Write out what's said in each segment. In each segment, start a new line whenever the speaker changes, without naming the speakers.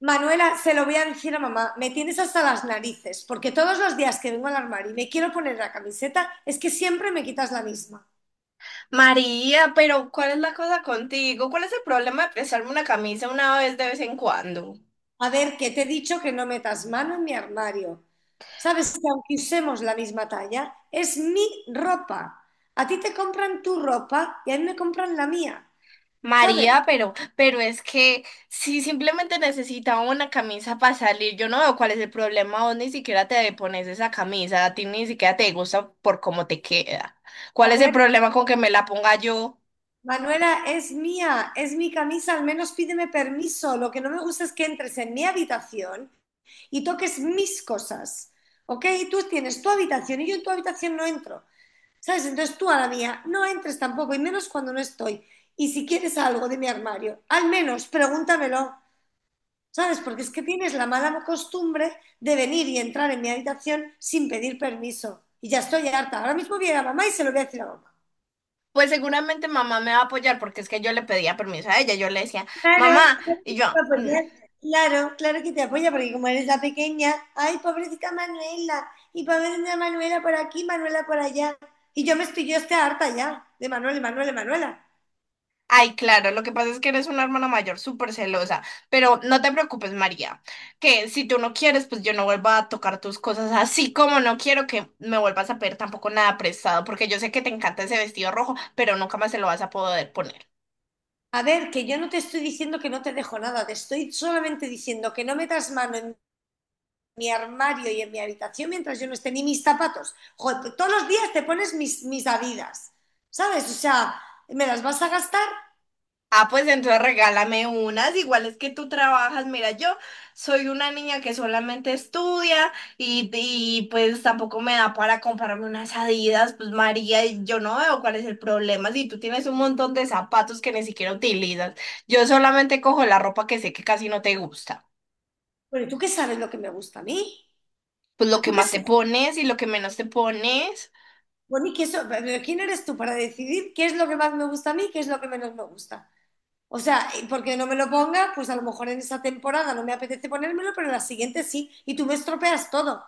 Manuela, se lo voy a decir a mamá, me tienes hasta las narices, porque todos los días que vengo al armario y me quiero poner la camiseta, es que siempre me quitas la misma.
María, pero ¿cuál es la cosa contigo? ¿Cuál es el problema de prestarme una camisa una vez de vez en cuando?
A ver, que te he dicho que no metas mano en mi armario. Sabes que aunque usemos la misma talla, es mi ropa. A ti te compran tu ropa y a mí me compran la mía, ¿sabes?
María, pero es que si simplemente necesitaba una camisa para salir, yo no veo cuál es el problema. Vos ni siquiera te pones esa camisa, a ti ni siquiera te gusta por cómo te queda.
A
¿Cuál es el
ver,
problema con que me la ponga yo?
Manuela, es mía, es mi camisa, al menos pídeme permiso. Lo que no me gusta es que entres en mi habitación y toques mis cosas, ¿ok? Y tú tienes tu habitación y yo en tu habitación no entro, ¿sabes? Entonces tú a la mía no entres tampoco, y menos cuando no estoy. Y si quieres algo de mi armario, al menos pregúntamelo, ¿sabes? Porque es que tienes la mala costumbre de venir y entrar en mi habitación sin pedir permiso. Y ya estoy harta. Ahora mismo viene a ir a mamá y se lo voy a decir a mamá.
Pues seguramente mamá me va a apoyar porque es que yo le pedía permiso a ella, yo le decía,
Claro,
mamá,
claro que
y yo.
te apoya, claro, claro que te apoya, porque como eres la pequeña, ay, pobrecita Manuela, y pobrecita Manuela por aquí, Manuela por allá. Y yo estoy harta ya de Manuela, y Manuela, y Manuela.
Ay, claro, lo que pasa es que eres una hermana mayor súper celosa, pero no te preocupes, María, que si tú no quieres, pues yo no vuelvo a tocar tus cosas, así como no quiero que me vuelvas a pedir tampoco nada prestado, porque yo sé que te encanta ese vestido rojo, pero nunca más se lo vas a poder poner.
A ver, que yo no te estoy diciendo que no te dejo nada, te estoy solamente diciendo que no metas mano en mi armario y en mi habitación mientras yo no esté ni mis zapatos. Joder, tú todos los días te pones mis Adidas, ¿sabes? O sea, ¿me las vas a gastar?
Ah, pues entonces regálame unas, igual es que tú trabajas. Mira, yo soy una niña que solamente estudia pues tampoco me da para comprarme unas Adidas. Pues María, y yo no veo cuál es el problema. Si tú tienes un montón de zapatos que ni siquiera utilizas, yo solamente cojo la ropa que sé que casi no te gusta.
Pero tú qué sabes lo que me gusta a mí,
Pues lo
pero
que
tú qué
más te
sabes.
pones y lo que menos te pones.
Bueno, pero ¿quién eres tú para decidir qué es lo que más me gusta a mí y qué es lo que menos me gusta? O sea, y porque no me lo ponga, pues a lo mejor en esa temporada no me apetece ponérmelo, pero en la siguiente sí. Y tú me estropeas todo.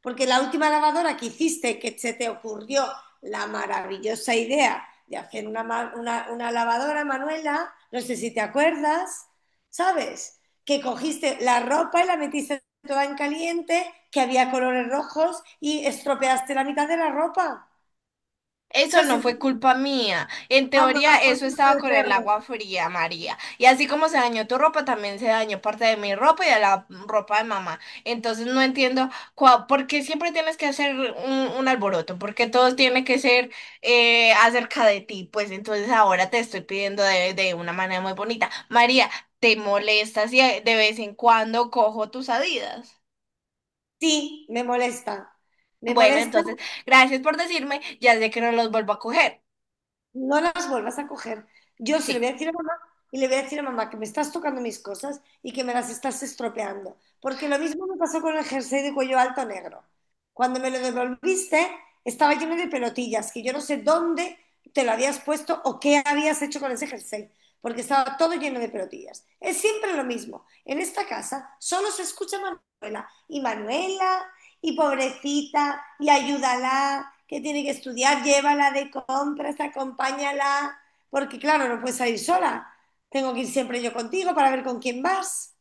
Porque la última lavadora que hiciste, que se te ocurrió la maravillosa idea de hacer una lavadora, Manuela, no sé si te acuerdas, ¿sabes? Que cogiste la ropa y la metiste toda en caliente, que había colores rojos y estropeaste la mitad de la ropa.
Eso
sea,
no
sentir,
fue culpa mía. En
ah, no,
teoría,
fue
eso
culpa
estaba
del
con el
perro.
agua fría, María. Y así como se dañó tu ropa, también se dañó parte de mi ropa y de la ropa de mamá. Entonces no entiendo por qué siempre tienes que hacer un alboroto, porque todo tiene que ser acerca de ti. Pues entonces ahora te estoy pidiendo de una manera muy bonita. María, ¿te molestas si de vez en cuando cojo tus Adidas?
Sí, me molesta. Me
Bueno,
molesta,
entonces, gracias por decirme. Ya sé que no los vuelvo a coger.
no las vuelvas a coger. Yo se lo
Sí.
voy a decir a mamá y le voy a decir a mamá que me estás tocando mis cosas y que me las estás estropeando. Porque lo mismo me pasó con el jersey de cuello alto negro. Cuando me lo devolviste, estaba lleno de pelotillas, que yo no sé dónde te lo habías puesto o qué habías hecho con ese jersey, porque estaba todo lleno de pelotillas. Es siempre lo mismo. En esta casa solo se escucha Manuela y Manuela y pobrecita, y ayúdala, que tiene que estudiar, llévala de compras, acompáñala, porque claro, no puedes salir sola. Tengo que ir siempre yo contigo para ver con quién vas,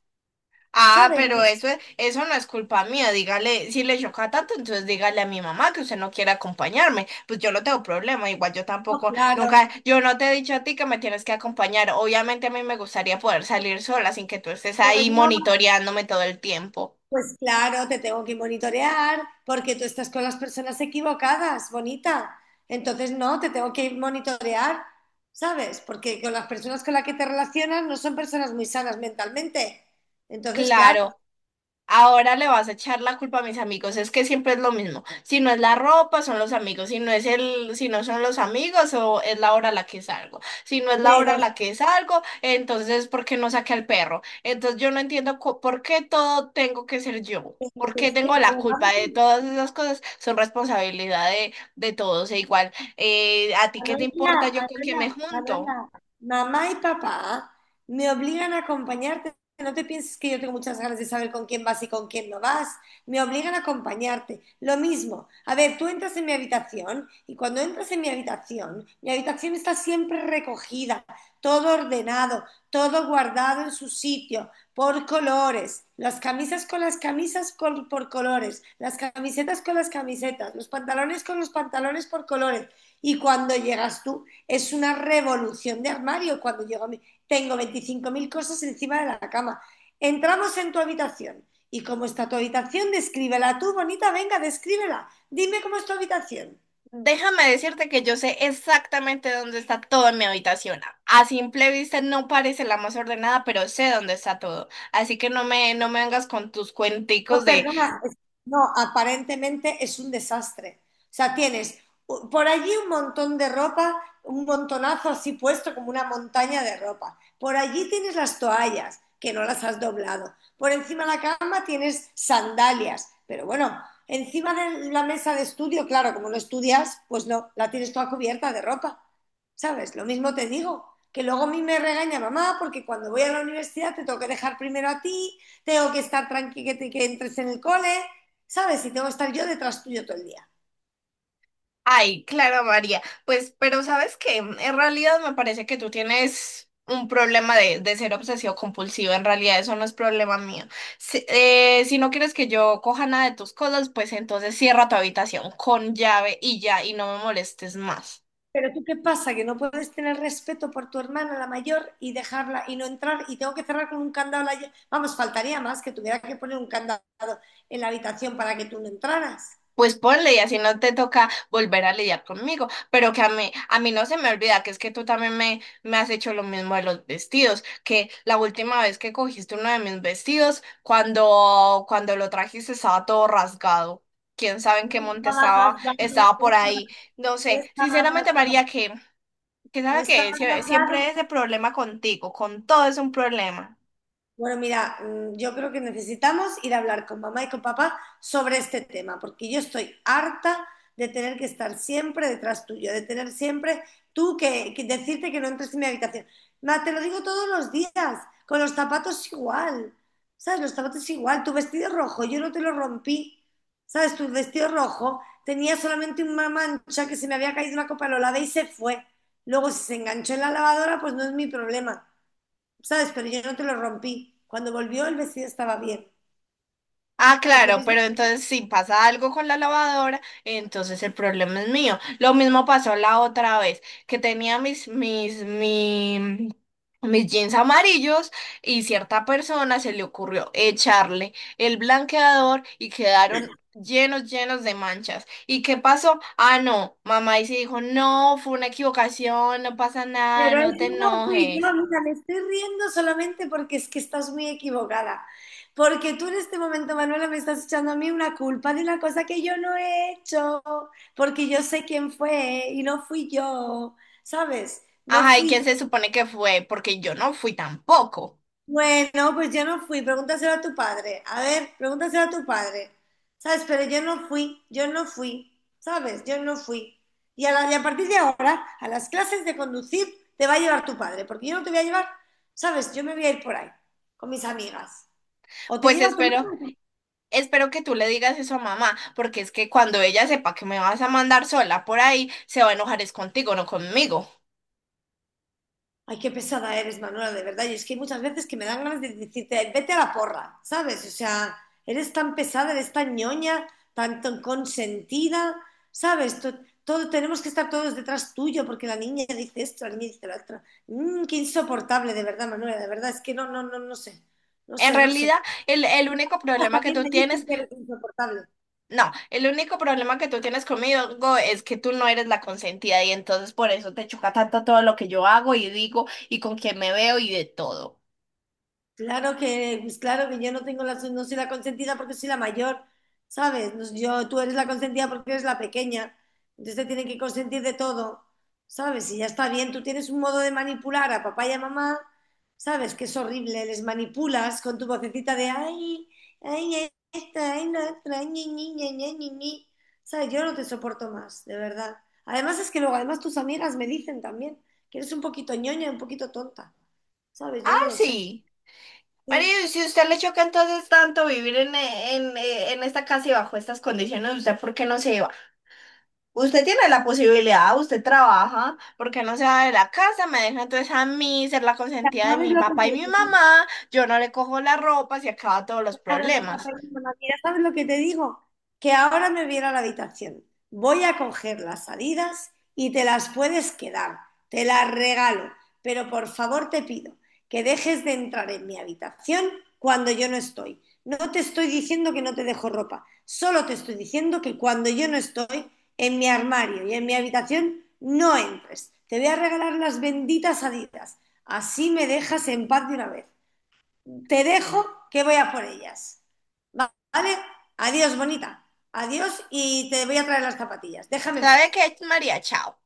Ah,
¿sabes?
pero eso, eso no es culpa mía. Dígale, si le choca tanto, entonces dígale a mi mamá que usted no quiere acompañarme. Pues yo no tengo problema, igual yo
No,
tampoco,
claro,
nunca, yo no te he dicho a ti que me tienes que acompañar. Obviamente a mí me gustaría poder salir sola sin que tú estés
pues
ahí
no,
monitoreándome todo el tiempo.
pues claro, te tengo que monitorear porque tú estás con las personas equivocadas, bonita. Entonces no, te tengo que monitorear, ¿sabes? Porque con las personas con las que te relacionas no son personas muy sanas mentalmente. Entonces, claro,
Claro. Ahora le vas a echar la culpa a mis amigos, es que siempre es lo mismo. Si no es la ropa, son los amigos. Si no es si no son los amigos, o es la hora a la que salgo. Si no es la hora
pero
a la que salgo, entonces ¿por qué no saqué al perro? Entonces yo no entiendo por qué todo tengo que ser yo. ¿Por qué
Entonces, que
tengo
te
la culpa
veamos.
de todas esas cosas? Son responsabilidad de todos. E igual, ¿a ti qué te importa
Manuela,
yo con quién me
Manuela,
junto?
Manuela, mamá y papá me obligan a acompañarte. No te pienses que yo tengo muchas ganas de saber con quién vas y con quién no vas. Me obligan a acompañarte. Lo mismo. A ver, tú entras en mi habitación y cuando entras en mi habitación está siempre recogida, todo ordenado, todo guardado en su sitio, por colores. Las camisas con las camisas por colores, las camisetas con las camisetas, los pantalones con los pantalones por colores. Y cuando llegas tú, es una revolución de armario. Cuando llego a mí, tengo 25.000 cosas encima de la cama. Entramos en tu habitación. ¿Y cómo está tu habitación? Descríbela tú, bonita, venga, descríbela. Dime cómo es tu habitación.
Déjame decirte que yo sé exactamente dónde está todo en mi habitación. A simple vista no parece la más ordenada, pero sé dónde está todo. Así que no me vengas con tus
No,
cuenticos de,
perdona, no, aparentemente es un desastre. O sea, tienes por allí un montón de ropa, un montonazo así puesto como una montaña de ropa. Por allí tienes las toallas, que no las has doblado. Por encima de la cama tienes sandalias. Pero bueno, encima de la mesa de estudio, claro, como no estudias, pues no, la tienes toda cubierta de ropa. ¿Sabes? Lo mismo te digo, que luego a mí me regaña mamá porque cuando voy a la universidad te tengo que dejar primero a ti. Tengo que estar tranquila, entres en el cole, ¿sabes? Y tengo que estar yo detrás tuyo todo el día.
ay, Clara María. Pues, pero ¿sabes qué? En realidad me parece que tú tienes un problema de ser obsesivo compulsivo. En realidad eso no es problema mío. Si, si no quieres que yo coja nada de tus cosas, pues entonces cierra tu habitación con llave y ya, y no me molestes más.
Pero tú qué pasa, que no puedes tener respeto por tu hermana, la mayor, y dejarla y no entrar, y tengo que cerrar con un candado. Vamos, faltaría más que tuviera que poner un candado en la habitación para que tú no entraras.
Pues ponle y así no te toca volver a lidiar conmigo, pero que a mí no se me olvida que es que tú también me has hecho lo mismo de los vestidos, que la última vez que cogiste uno de mis vestidos, cuando lo trajiste estaba todo rasgado, quién sabe en
No
qué monte
estaba
estaba, estaba por
rasgado,
ahí, no
no
sé,
estaba
sinceramente María,
rasgado.
que
No
sabe
estaba
que siempre
rasgado.
es de problema contigo, con todo es un problema.
Bueno, mira, yo creo que necesitamos ir a hablar con mamá y con papá sobre este tema, porque yo estoy harta de tener que estar siempre detrás tuyo, de tener siempre tú que decirte que no entres en mi habitación. Ma, te lo digo todos los días, con los zapatos igual, ¿sabes? Los zapatos igual, tu vestido rojo, yo no te lo rompí, ¿sabes? Tu vestido rojo tenía solamente una mancha que se me había caído una copa, lo lavé y se fue. Luego, si se enganchó en la lavadora, pues no es mi problema. ¿Sabes? Pero yo no te lo rompí. Cuando volvió el vestido estaba bien,
Ah,
¿sabes? Lo
claro, pero
mismo.
entonces si pasa algo con la lavadora, entonces el problema es mío. Lo mismo pasó la otra vez, que tenía mis jeans amarillos y cierta persona se le ocurrió echarle el blanqueador y quedaron llenos, llenos de manchas. ¿Y qué pasó? Ah, no, mamá y se dijo, no, fue una equivocación, no pasa nada,
Pero es
no te
no fui yo,
enojes.
mira, me estoy riendo solamente porque es que estás muy equivocada. Porque tú en este momento, Manuela, me estás echando a mí una culpa de una cosa que yo no he hecho, porque yo sé quién fue y no fui yo, ¿sabes? No
Ajá, ¿y quién
fui
se supone que fue? Porque yo no fui tampoco.
Bueno, pues yo no fui, pregúntaselo a tu padre. A ver, pregúntaselo a tu padre. ¿Sabes? Pero yo no fui, ¿sabes? Yo no fui. Y a partir de ahora, a las clases de conducir te va a llevar tu padre, porque yo no te voy a llevar, ¿sabes? Yo me voy a ir por ahí, con mis amigas. O te
Pues
lleva tu
espero. Espero que tú le digas eso a mamá, porque es que cuando ella sepa que me vas a mandar sola por ahí, se va a enojar es contigo, no conmigo.
Ay, qué pesada eres, Manuela, de verdad. Y es que hay muchas veces que me dan ganas de decirte, "Ay, vete a la porra, ¿sabes? O sea, eres tan pesada, eres tan ñoña, tan consentida, ¿sabes? Todo, tenemos que estar todos detrás tuyo porque la niña dice esto, la niña dice lo otro. Qué insoportable, de verdad, Manuela, de verdad. Es que no, no, no, no sé. No
En
sé, no sé.
realidad, el único problema que
También
tú
me
tienes,
dicen que eres insoportable.
no, el único problema que tú tienes conmigo es que tú no eres la consentida y entonces por eso te choca tanto todo lo que yo hago y digo y con quién me veo y de todo.
Pues claro que yo no soy la consentida porque soy la mayor, ¿sabes? Tú eres la consentida porque eres la pequeña, entonces te tienen que consentir de todo, ¿sabes? Y ya está bien, tú tienes un modo de manipular a papá y a mamá, ¿sabes? Que es horrible, les manipulas con tu vocecita de ay, ay, esta, ay, la otra, ñi, ñi, ña, ña, ñi, ñi". ¿Sabes? Yo no te soporto más, de verdad. Además es que luego, además tus amigas me dicen también que eres un poquito ñoña, un poquito tonta, ¿sabes?
Ah,
Yo no lo sé.
sí. María,
Sí.
y si a usted le choca entonces tanto vivir en esta casa y bajo estas condiciones, ¿usted por qué no se va? Usted tiene la posibilidad, usted trabaja, porque no se va de la casa, me deja entonces a mí ser la
Ya.
consentida de
¿Sabes
mi
lo que
papá
te
y mi
digo?
mamá, yo no le cojo la ropa, se acaba todos los
Claro, mi papá
problemas.
y mira, ¿sabes lo que te digo? Que ahora me voy a ir a la habitación. Voy a coger las salidas y te las puedes quedar. Te las regalo. Pero por favor te pido que dejes de entrar en mi habitación cuando yo no estoy. No te estoy diciendo que no te dejo ropa. Solo te estoy diciendo que cuando yo no estoy en mi armario y en mi habitación, no entres. Te voy a regalar las benditas salidas. Así me dejas en paz de una vez. Te dejo que voy a por ellas. ¿Vale? Adiós, bonita. Adiós y te voy a traer las zapatillas. Déjame en
¿Sabe
paz.
qué, María? Chao.